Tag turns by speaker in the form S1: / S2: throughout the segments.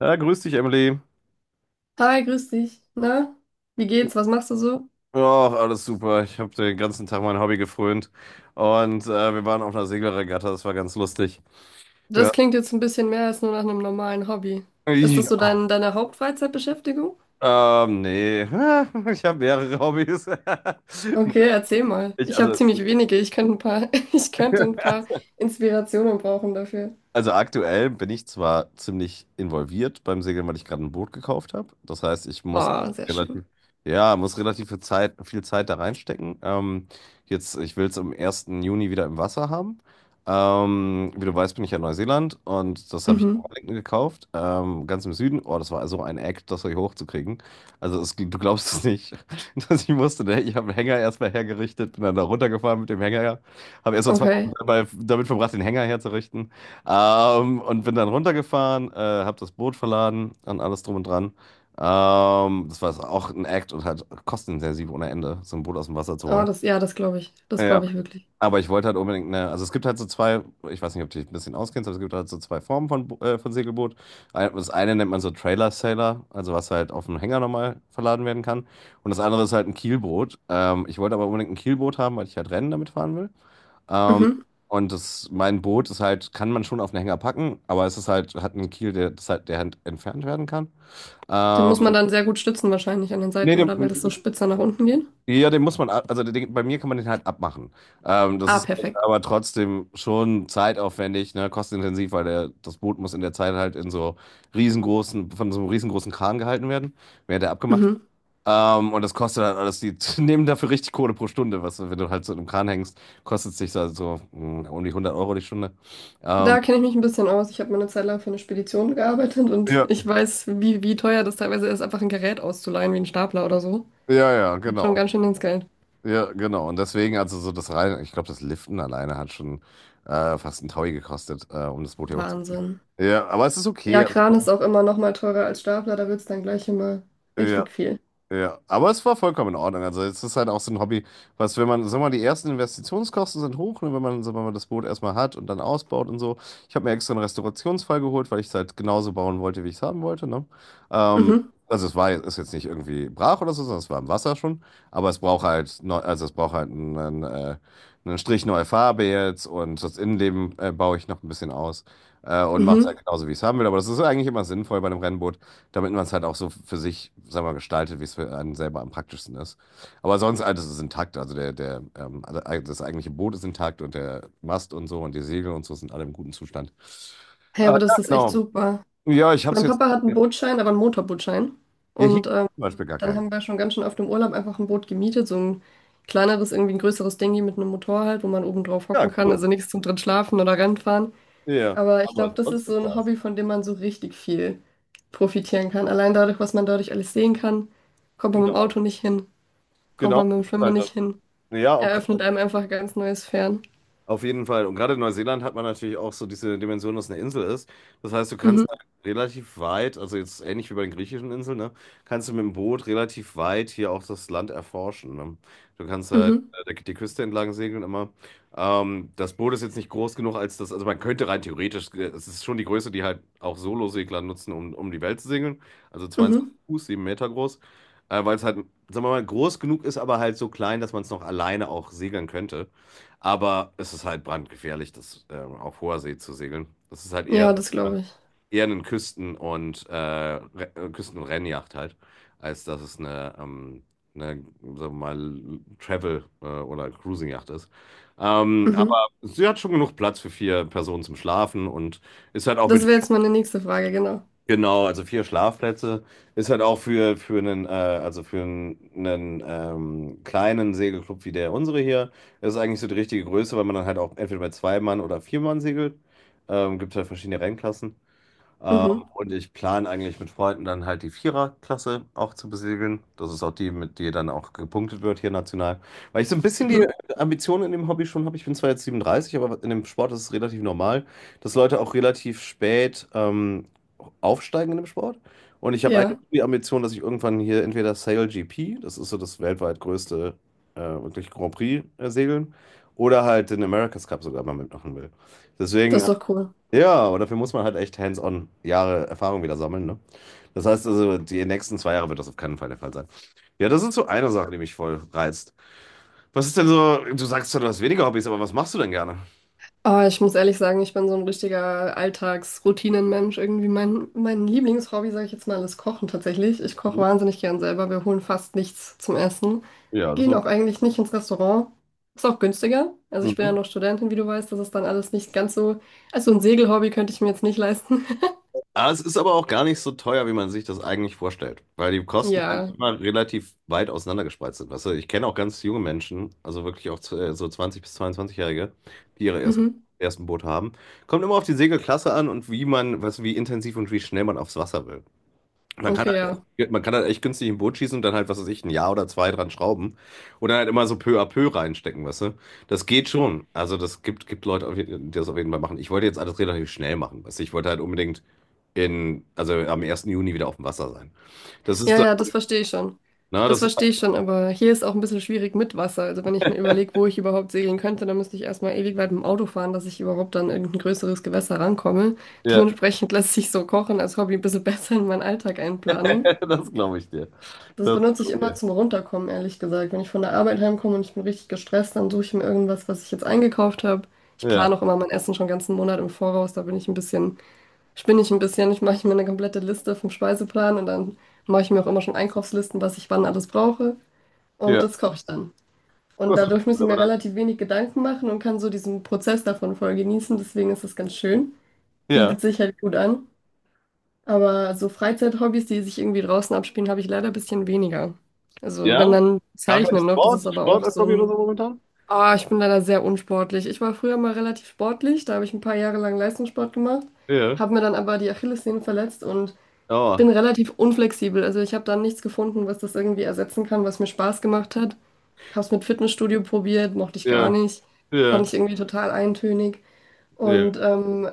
S1: Ja, grüß dich, Emily.
S2: Hi, grüß dich. Na, wie geht's? Was machst du so?
S1: Ja, alles super. Ich habe den ganzen Tag mein Hobby gefrönt. Und wir waren auf einer Segelregatta, das war ganz lustig. Ja.
S2: Das klingt jetzt ein bisschen mehr als nur nach einem normalen Hobby. Ist das so
S1: Ja.
S2: deine Hauptfreizeitbeschäftigung?
S1: Nee. Ich habe mehrere Hobbys.
S2: Okay, erzähl mal.
S1: Ich,
S2: Ich habe
S1: also.
S2: ziemlich wenige. Ich könnte ein paar, Ich könnte ein paar Inspirationen brauchen dafür.
S1: Also aktuell bin ich zwar ziemlich involviert beim Segeln, weil ich gerade ein Boot gekauft habe. Das heißt, ich muss
S2: Oh, sehr
S1: relativ,
S2: schön.
S1: ja, muss relativ viel Zeit da reinstecken. Jetzt, ich will es am ersten Juni wieder im Wasser haben. Wie du weißt, bin ich ja in Neuseeland, und das habe ich in
S2: Mhm.
S1: Wellington gekauft, ganz im Süden. Oh, das war so ein Act, das hier hochzukriegen. Also es, du glaubst es nicht, dass ich musste. Ne? Ich habe einen Hänger erstmal hergerichtet, bin dann da runtergefahren mit dem Hänger. Habe erst mal 2 Wochen
S2: Okay.
S1: dabei damit verbracht, den Hänger herzurichten. Und bin dann runtergefahren, habe das Boot verladen und alles drum und dran. Das war auch ein Act und halt kostenintensiv ohne Ende, so ein Boot aus dem Wasser zu
S2: Oh,
S1: holen.
S2: das, ja, das glaube ich. Das
S1: Ja.
S2: glaube ich wirklich.
S1: Aber ich wollte halt unbedingt eine, also es gibt halt so zwei, ich weiß nicht, ob du dich ein bisschen auskennst, aber es gibt halt so zwei Formen von, von Segelboot. Ein- Das eine nennt man so Trailer Sailor, also was halt auf dem Hänger nochmal verladen werden kann. Und das andere ist halt ein Kielboot. Ich wollte aber unbedingt ein Kielboot haben, weil ich halt Rennen damit fahren will. Ähm,
S2: Mhm.
S1: und das, mein Boot ist halt, kann man schon auf einen Hänger packen, aber es ist halt, hat einen Kiel, der, das halt, der halt entfernt werden kann.
S2: Den muss man
S1: Ähm,
S2: dann sehr gut stützen wahrscheinlich an den
S1: Nee,
S2: Seiten,
S1: den,
S2: oder? Weil das so spitzer nach unten geht.
S1: ja, den muss man, ab- also den, bei mir kann man den halt abmachen. Das
S2: Ah,
S1: ist halt
S2: perfekt.
S1: aber trotzdem schon zeitaufwendig, ne, kostenintensiv, weil der, das Boot muss in der Zeit halt in so riesengroßen, von so einem riesengroßen Kran gehalten werden, während er abgemacht
S2: Mhm.
S1: und das kostet halt alles, die nehmen dafür richtig Kohle pro Stunde, was, wenn du halt so in einem Kran hängst, kostet es dich so, so um die 100 Euro die Stunde. Ähm,
S2: Da kenne ich mich ein bisschen aus. Ich habe mal eine Zeit lang für eine Spedition gearbeitet und
S1: ja,
S2: ich weiß, wie teuer das teilweise ist, einfach ein Gerät auszuleihen, wie ein Stapler oder so.
S1: ja, ja,
S2: Geht schon
S1: genau.
S2: ganz schön ins Geld.
S1: Ja, genau. Und deswegen, also so das rein, ich glaube, das Liften alleine hat schon fast einen Taui gekostet, um das Boot hier hochzubringen.
S2: Wahnsinn.
S1: Ja, aber es ist
S2: Ja,
S1: okay.
S2: Kran ist auch immer noch mal teurer als Stapler, da wird es dann gleich immer
S1: Ja.
S2: richtig viel.
S1: Ja, aber es war vollkommen in Ordnung. Also es ist halt auch so ein Hobby, was, wenn man, sag mal, die ersten Investitionskosten sind hoch, ne, wenn man, sag mal, das Boot erstmal hat und dann ausbaut und so. Ich habe mir extra einen Restaurationsfall geholt, weil ich es halt genauso bauen wollte, wie ich es haben wollte, ne? Ähm,
S2: Mhm,
S1: also es war, ist jetzt nicht irgendwie brach oder so, sondern es war im Wasser schon. Aber es braucht halt, neu, also es braucht halt einen, einen Strich neue Farbe jetzt, und das Innenleben baue ich noch ein bisschen aus und mache es
S2: mhm.
S1: halt genauso, wie ich es haben will. Aber das ist eigentlich immer sinnvoll bei einem Rennboot, damit man es halt auch so für sich, sag mal, gestaltet, wie es für einen selber am praktischsten ist. Aber sonst alles ist intakt. Also der, alle- eig- das eigentliche Boot ist intakt und der Mast und so und die Segel und so sind alle im guten Zustand.
S2: Hey, aber
S1: Ja,
S2: das ist echt
S1: genau.
S2: super.
S1: Ja, ich habe es
S2: Mein
S1: jetzt.
S2: Papa hat einen
S1: Ja,
S2: Bootschein, aber einen Motorbootschein.
S1: hier
S2: Und
S1: gibt's zum Beispiel gar
S2: dann
S1: keinen.
S2: haben wir schon ganz schön auf dem Urlaub einfach ein Boot gemietet, so ein kleineres, irgendwie ein größeres Dingi mit einem Motor halt, wo man oben drauf hocken
S1: Ja,
S2: kann.
S1: cool.
S2: Also nichts zum drin schlafen oder Rennen fahren.
S1: Ja,
S2: Aber ich glaube,
S1: aber
S2: das
S1: sonst
S2: ist
S1: viel
S2: so ein
S1: Spaß.
S2: Hobby, von dem man so richtig viel profitieren kann. Allein dadurch, was man dadurch alles sehen kann, kommt man mit dem
S1: Genau.
S2: Auto nicht hin, kommt
S1: Genau,
S2: man mit dem
S1: das ist
S2: Schwimmen
S1: halt
S2: nicht
S1: das.
S2: hin.
S1: Ja, auch
S2: Eröffnet einem einfach ein ganz neues Fern.
S1: auf jeden Fall. Und gerade in Neuseeland hat man natürlich auch so diese Dimension, dass es eine Insel ist. Das heißt, du
S2: Mhm,
S1: kannst halt relativ weit, also jetzt ähnlich wie bei den griechischen Inseln, ne, kannst du mit dem Boot relativ weit hier auch das Land erforschen. Ne? Du kannst halt
S2: mhm,
S1: der- die Küste entlang segeln immer. Das Boot ist jetzt nicht groß genug, als das, also man könnte rein theoretisch, es ist schon die Größe, die halt auch Solosegler nutzen, um die Welt zu segeln. Also 22
S2: mhm.
S1: Fuß, 7 Meter groß. Weil es halt, sagen wir mal, groß genug ist, aber halt so klein, dass man es noch alleine auch segeln könnte. Aber es ist halt brandgefährlich, das auf hoher See zu segeln. Das ist halt
S2: Ja,
S1: eher,
S2: das glaube ich.
S1: eher eine Küsten- und, Re- Küsten- und Rennjacht halt, als dass es eine, eine, sagen wir mal, Travel- oder Cruising-Yacht ist. Ähm,
S2: Mhm.
S1: aber sie hat schon genug Platz für vier Personen zum Schlafen und ist halt auch
S2: Das
S1: mit.
S2: wäre jetzt meine nächste Frage, genau.
S1: Genau, also vier Schlafplätze ist halt auch für, also für einen kleinen Segelclub wie der unsere hier, ist eigentlich so die richtige Größe, weil man dann halt auch entweder bei zwei Mann oder vier Mann segelt. Gibt halt verschiedene Rennklassen. Ähm,
S2: Mhm,
S1: und ich plane eigentlich mit Freunden dann halt die Viererklasse auch zu besiegeln. Das ist auch die, mit der dann auch gepunktet wird hier national. Weil ich so ein bisschen die
S2: mhm.
S1: Ambition in dem Hobby schon habe. Ich bin zwar jetzt 37, aber in dem Sport ist es relativ normal, dass Leute auch relativ spät aufsteigen in dem Sport. Und ich habe eigentlich
S2: Ja,
S1: die Ambition, dass ich irgendwann hier entweder Sail GP, das ist so das weltweit größte wirklich Grand Prix segeln, oder halt den America's Cup sogar mal mitmachen will.
S2: das
S1: Deswegen
S2: ist doch cool.
S1: ja, aber dafür muss man halt echt hands-on Jahre Erfahrung wieder sammeln, ne? Das heißt also, die nächsten zwei Jahre wird das auf keinen Fall der Fall sein. Ja, das ist so eine Sache, die mich voll reizt. Was ist denn so, du sagst zwar, du hast weniger Hobbys, aber was machst du denn gerne?
S2: Aber ich muss ehrlich sagen, ich bin so ein richtiger Alltagsroutinenmensch. Irgendwie mein Lieblingshobby, sage ich jetzt mal, ist Kochen tatsächlich. Ich koche wahnsinnig gern selber. Wir holen fast nichts zum Essen,
S1: Ja, das
S2: gehen auch eigentlich nicht ins Restaurant. Ist auch günstiger. Also ich bin ja
S1: so.
S2: noch Studentin, wie du weißt, das ist dann alles nicht ganz so. Also ein Segelhobby könnte ich mir jetzt nicht leisten.
S1: Ah, es ist aber auch gar nicht so teuer, wie man sich das eigentlich vorstellt, weil die Kosten halt
S2: Ja.
S1: immer relativ weit auseinandergespreizt sind. Weißt du, ich kenne auch ganz junge Menschen, also wirklich auch so 20 bis 22 jährige, die ihre
S2: Mhm.
S1: ersten Boot haben. Kommt immer auf die Segelklasse an und wie man, weißt du, wie intensiv und wie schnell man aufs Wasser will.
S2: Okay, ja.
S1: Man kann halt echt günstig ein Boot schießen und dann halt, was weiß ich, ein Jahr oder zwei dran schrauben, oder halt immer so peu à peu reinstecken, weißt du. Das geht schon. Also gibt Leute, die das auf jeden Fall machen. Ich wollte jetzt alles relativ schnell machen, weißt du. Ich wollte halt unbedingt in, also am ersten Juni wieder auf dem Wasser sein. Das
S2: Ja,
S1: ist,
S2: ja, das verstehe ich schon.
S1: na,
S2: Das
S1: das ist,
S2: verstehe ich schon, aber hier ist auch ein bisschen schwierig mit Wasser. Also wenn ich mir überlege, wo ich überhaupt segeln könnte, dann müsste ich erstmal ewig weit mit dem Auto fahren, dass ich überhaupt an irgendein größeres Gewässer rankomme.
S1: ja,
S2: Dementsprechend lässt sich so Kochen als Hobby ein bisschen besser in meinen Alltag einplanen.
S1: das glaube ich dir.
S2: Das
S1: Das
S2: benutze ich
S1: glaube ich
S2: immer
S1: dir.
S2: zum Runterkommen, ehrlich gesagt. Wenn ich von der Arbeit heimkomme und ich bin richtig gestresst, dann suche ich mir irgendwas, was ich jetzt eingekauft habe. Ich
S1: Ja,
S2: plane auch immer mein Essen schon ganzen Monat im Voraus. Da bin ich ein spinne ich ein bisschen. Ich mache mir eine komplette Liste vom Speiseplan und dann mache ich mir auch immer schon Einkaufslisten, was ich wann alles brauche. Und
S1: ja.
S2: das koche ich dann. Und
S1: Das ist
S2: dadurch muss
S1: gut,
S2: ich
S1: aber
S2: mir
S1: das,
S2: relativ wenig Gedanken machen und kann so diesen Prozess davon voll genießen. Deswegen ist das ganz schön.
S1: ja,
S2: Bietet sich halt gut an. Aber so Freizeithobbys, die sich irgendwie draußen abspielen, habe ich leider ein bisschen weniger. Also wenn
S1: ja.
S2: dann
S1: Gar kein
S2: Zeichnen noch, das ist
S1: Sport,
S2: aber
S1: Sport
S2: auch
S1: als
S2: so
S1: Hobby oder so
S2: ein...
S1: momentan?
S2: Ah, ich bin leider sehr unsportlich. Ich war früher mal relativ sportlich, da habe ich ein paar Jahre lang Leistungssport gemacht,
S1: Ja.
S2: habe mir dann aber die Achillessehne verletzt und
S1: Oh,
S2: bin relativ unflexibel. Also ich habe dann nichts gefunden, was das irgendwie ersetzen kann, was mir Spaß gemacht hat. Habe es mit Fitnessstudio probiert, mochte ich gar
S1: ja,
S2: nicht.
S1: ja,
S2: Fand ich irgendwie total eintönig.
S1: ja,
S2: Und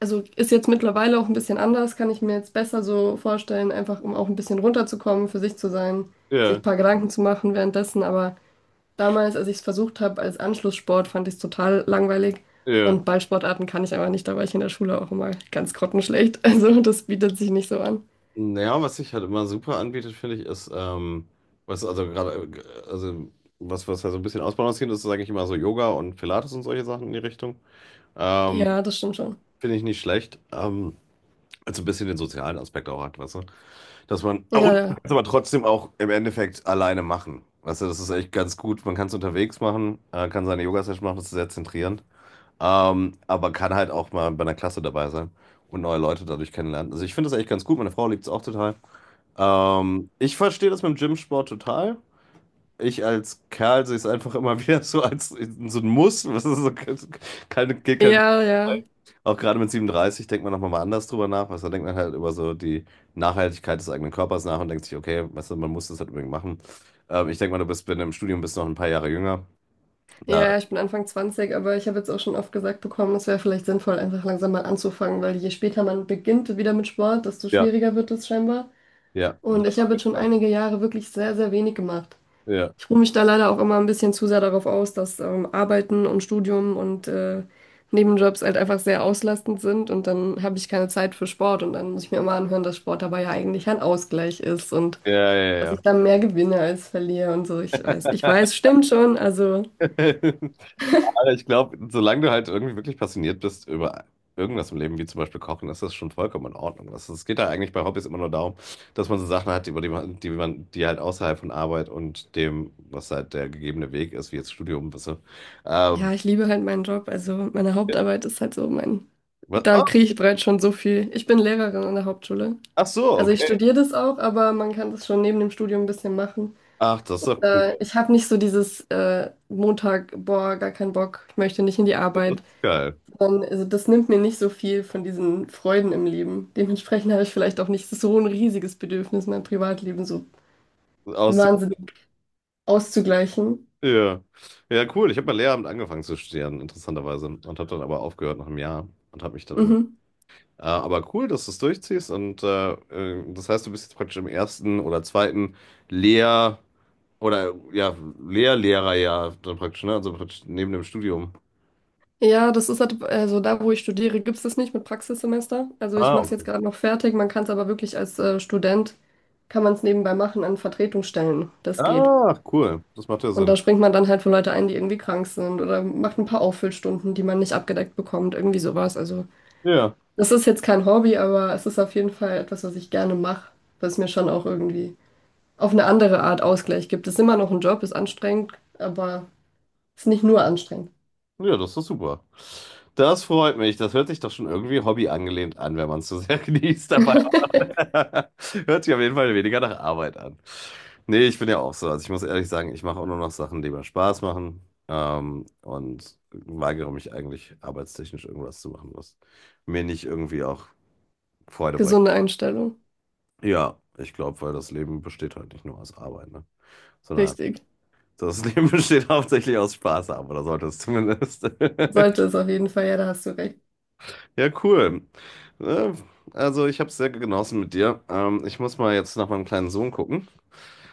S2: also ist jetzt mittlerweile auch ein bisschen anders, kann ich mir jetzt besser so vorstellen, einfach um auch ein bisschen runterzukommen, für sich zu sein, sich
S1: ja,
S2: ein paar Gedanken zu machen währenddessen. Aber damals, als ich es versucht habe als Anschlusssport, fand ich es total langweilig.
S1: ja.
S2: Und Ballsportarten kann ich aber nicht, da war ich in der Schule auch immer ganz grottenschlecht. Also das bietet sich nicht so an.
S1: Naja, was sich halt immer super anbietet, finde ich, ist, was also gerade, also was, was ja so ein bisschen ausbalanciert ist, sage ich immer so Yoga und Pilates und solche Sachen in die Richtung. Ähm,
S2: Ja, das stimmt schon.
S1: Finde ich nicht schlecht. Also ein bisschen den sozialen Aspekt auch hat, weißt du? Dass man, aber
S2: Ja,
S1: man
S2: ja,
S1: kann's aber trotzdem auch im Endeffekt alleine machen. Weißt du, das ist echt ganz gut. Man kann es unterwegs machen, kann seine Yoga-Session machen, das ist sehr zentrierend. Aber kann halt auch mal bei einer Klasse dabei sein und neue Leute dadurch kennenlernen. Also ich finde das echt ganz gut. Meine Frau liebt es auch total. Ich verstehe das mit dem Gym-Sport total. Ich als Kerl sehe es einfach immer wieder so als so ein Muss. Was ist so, keine, geht kein Weg
S2: ja, ja.
S1: vorbei. Auch gerade mit 37 denkt man nochmal mal anders drüber nach. Also da denkt man halt über so die Nachhaltigkeit des eigenen Körpers nach und denkt sich, okay, weißt du, man muss das halt unbedingt machen. Ich denke mal, du bist, wenn du im Studium bist, noch ein paar Jahre jünger.
S2: Ja,
S1: Ja,
S2: ja, ich bin Anfang 20, aber ich habe jetzt auch schon oft gesagt bekommen, es wäre vielleicht sinnvoll, einfach langsam mal anzufangen, weil je später man beginnt wieder mit Sport, desto
S1: ja,
S2: schwieriger wird es scheinbar.
S1: ja,
S2: Und
S1: das
S2: ich
S1: auf
S2: habe jetzt
S1: jeden
S2: schon
S1: Fall.
S2: einige Jahre wirklich sehr, sehr wenig gemacht.
S1: Ja,
S2: Ich ruhe mich da leider auch immer ein bisschen zu sehr darauf aus, dass Arbeiten und Studium und Nebenjobs halt einfach sehr auslastend sind und dann habe ich keine Zeit für Sport und dann muss ich mir immer anhören, dass Sport dabei ja eigentlich ein Ausgleich ist und
S1: ja,
S2: dass ich
S1: ja,
S2: dann mehr gewinne als verliere und so. Ich
S1: ja.
S2: weiß, stimmt schon, also.
S1: Aber ich glaube, solange du halt irgendwie wirklich passioniert bist über irgendwas im Leben, wie zum Beispiel Kochen, ist das schon vollkommen in Ordnung. Das, es geht da eigentlich bei Hobbys immer nur darum, dass man so Sachen hat, über die halt außerhalb von Arbeit und dem, was halt der gegebene Weg ist, wie jetzt Studium, weißt du. Ähm,
S2: Ja, ich liebe halt meinen Job. Also meine Hauptarbeit ist halt so mein,
S1: Was?
S2: da
S1: Oh,
S2: kriege ich bereits schon so viel. Ich bin Lehrerin an der Hauptschule.
S1: ach so,
S2: Also ich
S1: okay.
S2: studiere das auch, aber man kann das schon neben dem Studium ein bisschen machen.
S1: Ach, das ist doch
S2: Da,
S1: cool.
S2: ich habe nicht so dieses Montag, boah, gar keinen Bock, ich möchte nicht in die
S1: Das
S2: Arbeit.
S1: ist geil.
S2: Sondern, also das nimmt mir nicht so viel von diesen Freuden im Leben. Dementsprechend habe ich vielleicht auch nicht so ein riesiges Bedürfnis, mein Privatleben so
S1: Aus,
S2: wahnsinnig auszugleichen.
S1: ja. Ja, cool. Ich habe mal Lehramt angefangen zu studieren, interessanterweise. Und habe dann aber aufgehört nach einem Jahr und habe mich dann um. Äh,
S2: Mhm.
S1: aber cool, dass du es durchziehst, und das heißt, du bist jetzt praktisch im ersten oder zweiten Lehr- oder ja, Lehr-Lehrerjahr dann praktisch, ne? Also praktisch neben dem Studium.
S2: Ja, das ist halt, also da, wo ich studiere, gibt es das nicht mit Praxissemester. Also ich
S1: Ah,
S2: mache es jetzt
S1: okay.
S2: gerade noch fertig. Man kann es aber wirklich als Student, kann man es nebenbei machen an Vertretungsstellen. Das geht.
S1: Ah, cool. Das macht ja
S2: Und
S1: Sinn.
S2: da springt man dann halt für Leute ein, die irgendwie krank sind oder macht ein paar Auffüllstunden, die man nicht abgedeckt bekommt, irgendwie sowas. Also
S1: Ja.
S2: das ist jetzt kein Hobby, aber es ist auf jeden Fall etwas, was ich gerne mache, was mir schon auch irgendwie auf eine andere Art Ausgleich gibt. Es ist immer noch ein Job, ist anstrengend, aber es ist nicht nur anstrengend.
S1: Ja, das ist super. Das freut mich. Das hört sich doch schon irgendwie Hobby angelehnt an, wenn man es so sehr genießt dabei. Hört sich auf jeden Fall weniger nach Arbeit an. Nee, ich bin ja auch so. Also ich muss ehrlich sagen, ich mache auch nur noch Sachen, die mir Spaß machen. Und weigere mich eigentlich, arbeitstechnisch irgendwas zu machen, was mir nicht irgendwie auch Freude bringt.
S2: Gesunde Einstellung.
S1: Ja, ich glaube, weil das Leben besteht halt nicht nur aus Arbeit, ne? Sondern
S2: Richtig.
S1: das Leben besteht hauptsächlich aus Spaß haben, oder sollte es zumindest.
S2: Sollte es auf jeden Fall, ja, da hast du recht.
S1: Ja, cool. Äh, Also, ich habe es sehr genossen mit dir. Ich muss mal jetzt nach meinem kleinen Sohn gucken.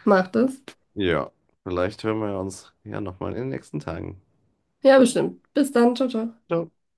S2: Macht es.
S1: Ja, vielleicht hören wir uns ja nochmal in den nächsten Tagen.
S2: Ja, bestimmt. Bis dann, ciao, ciao.
S1: Ciao.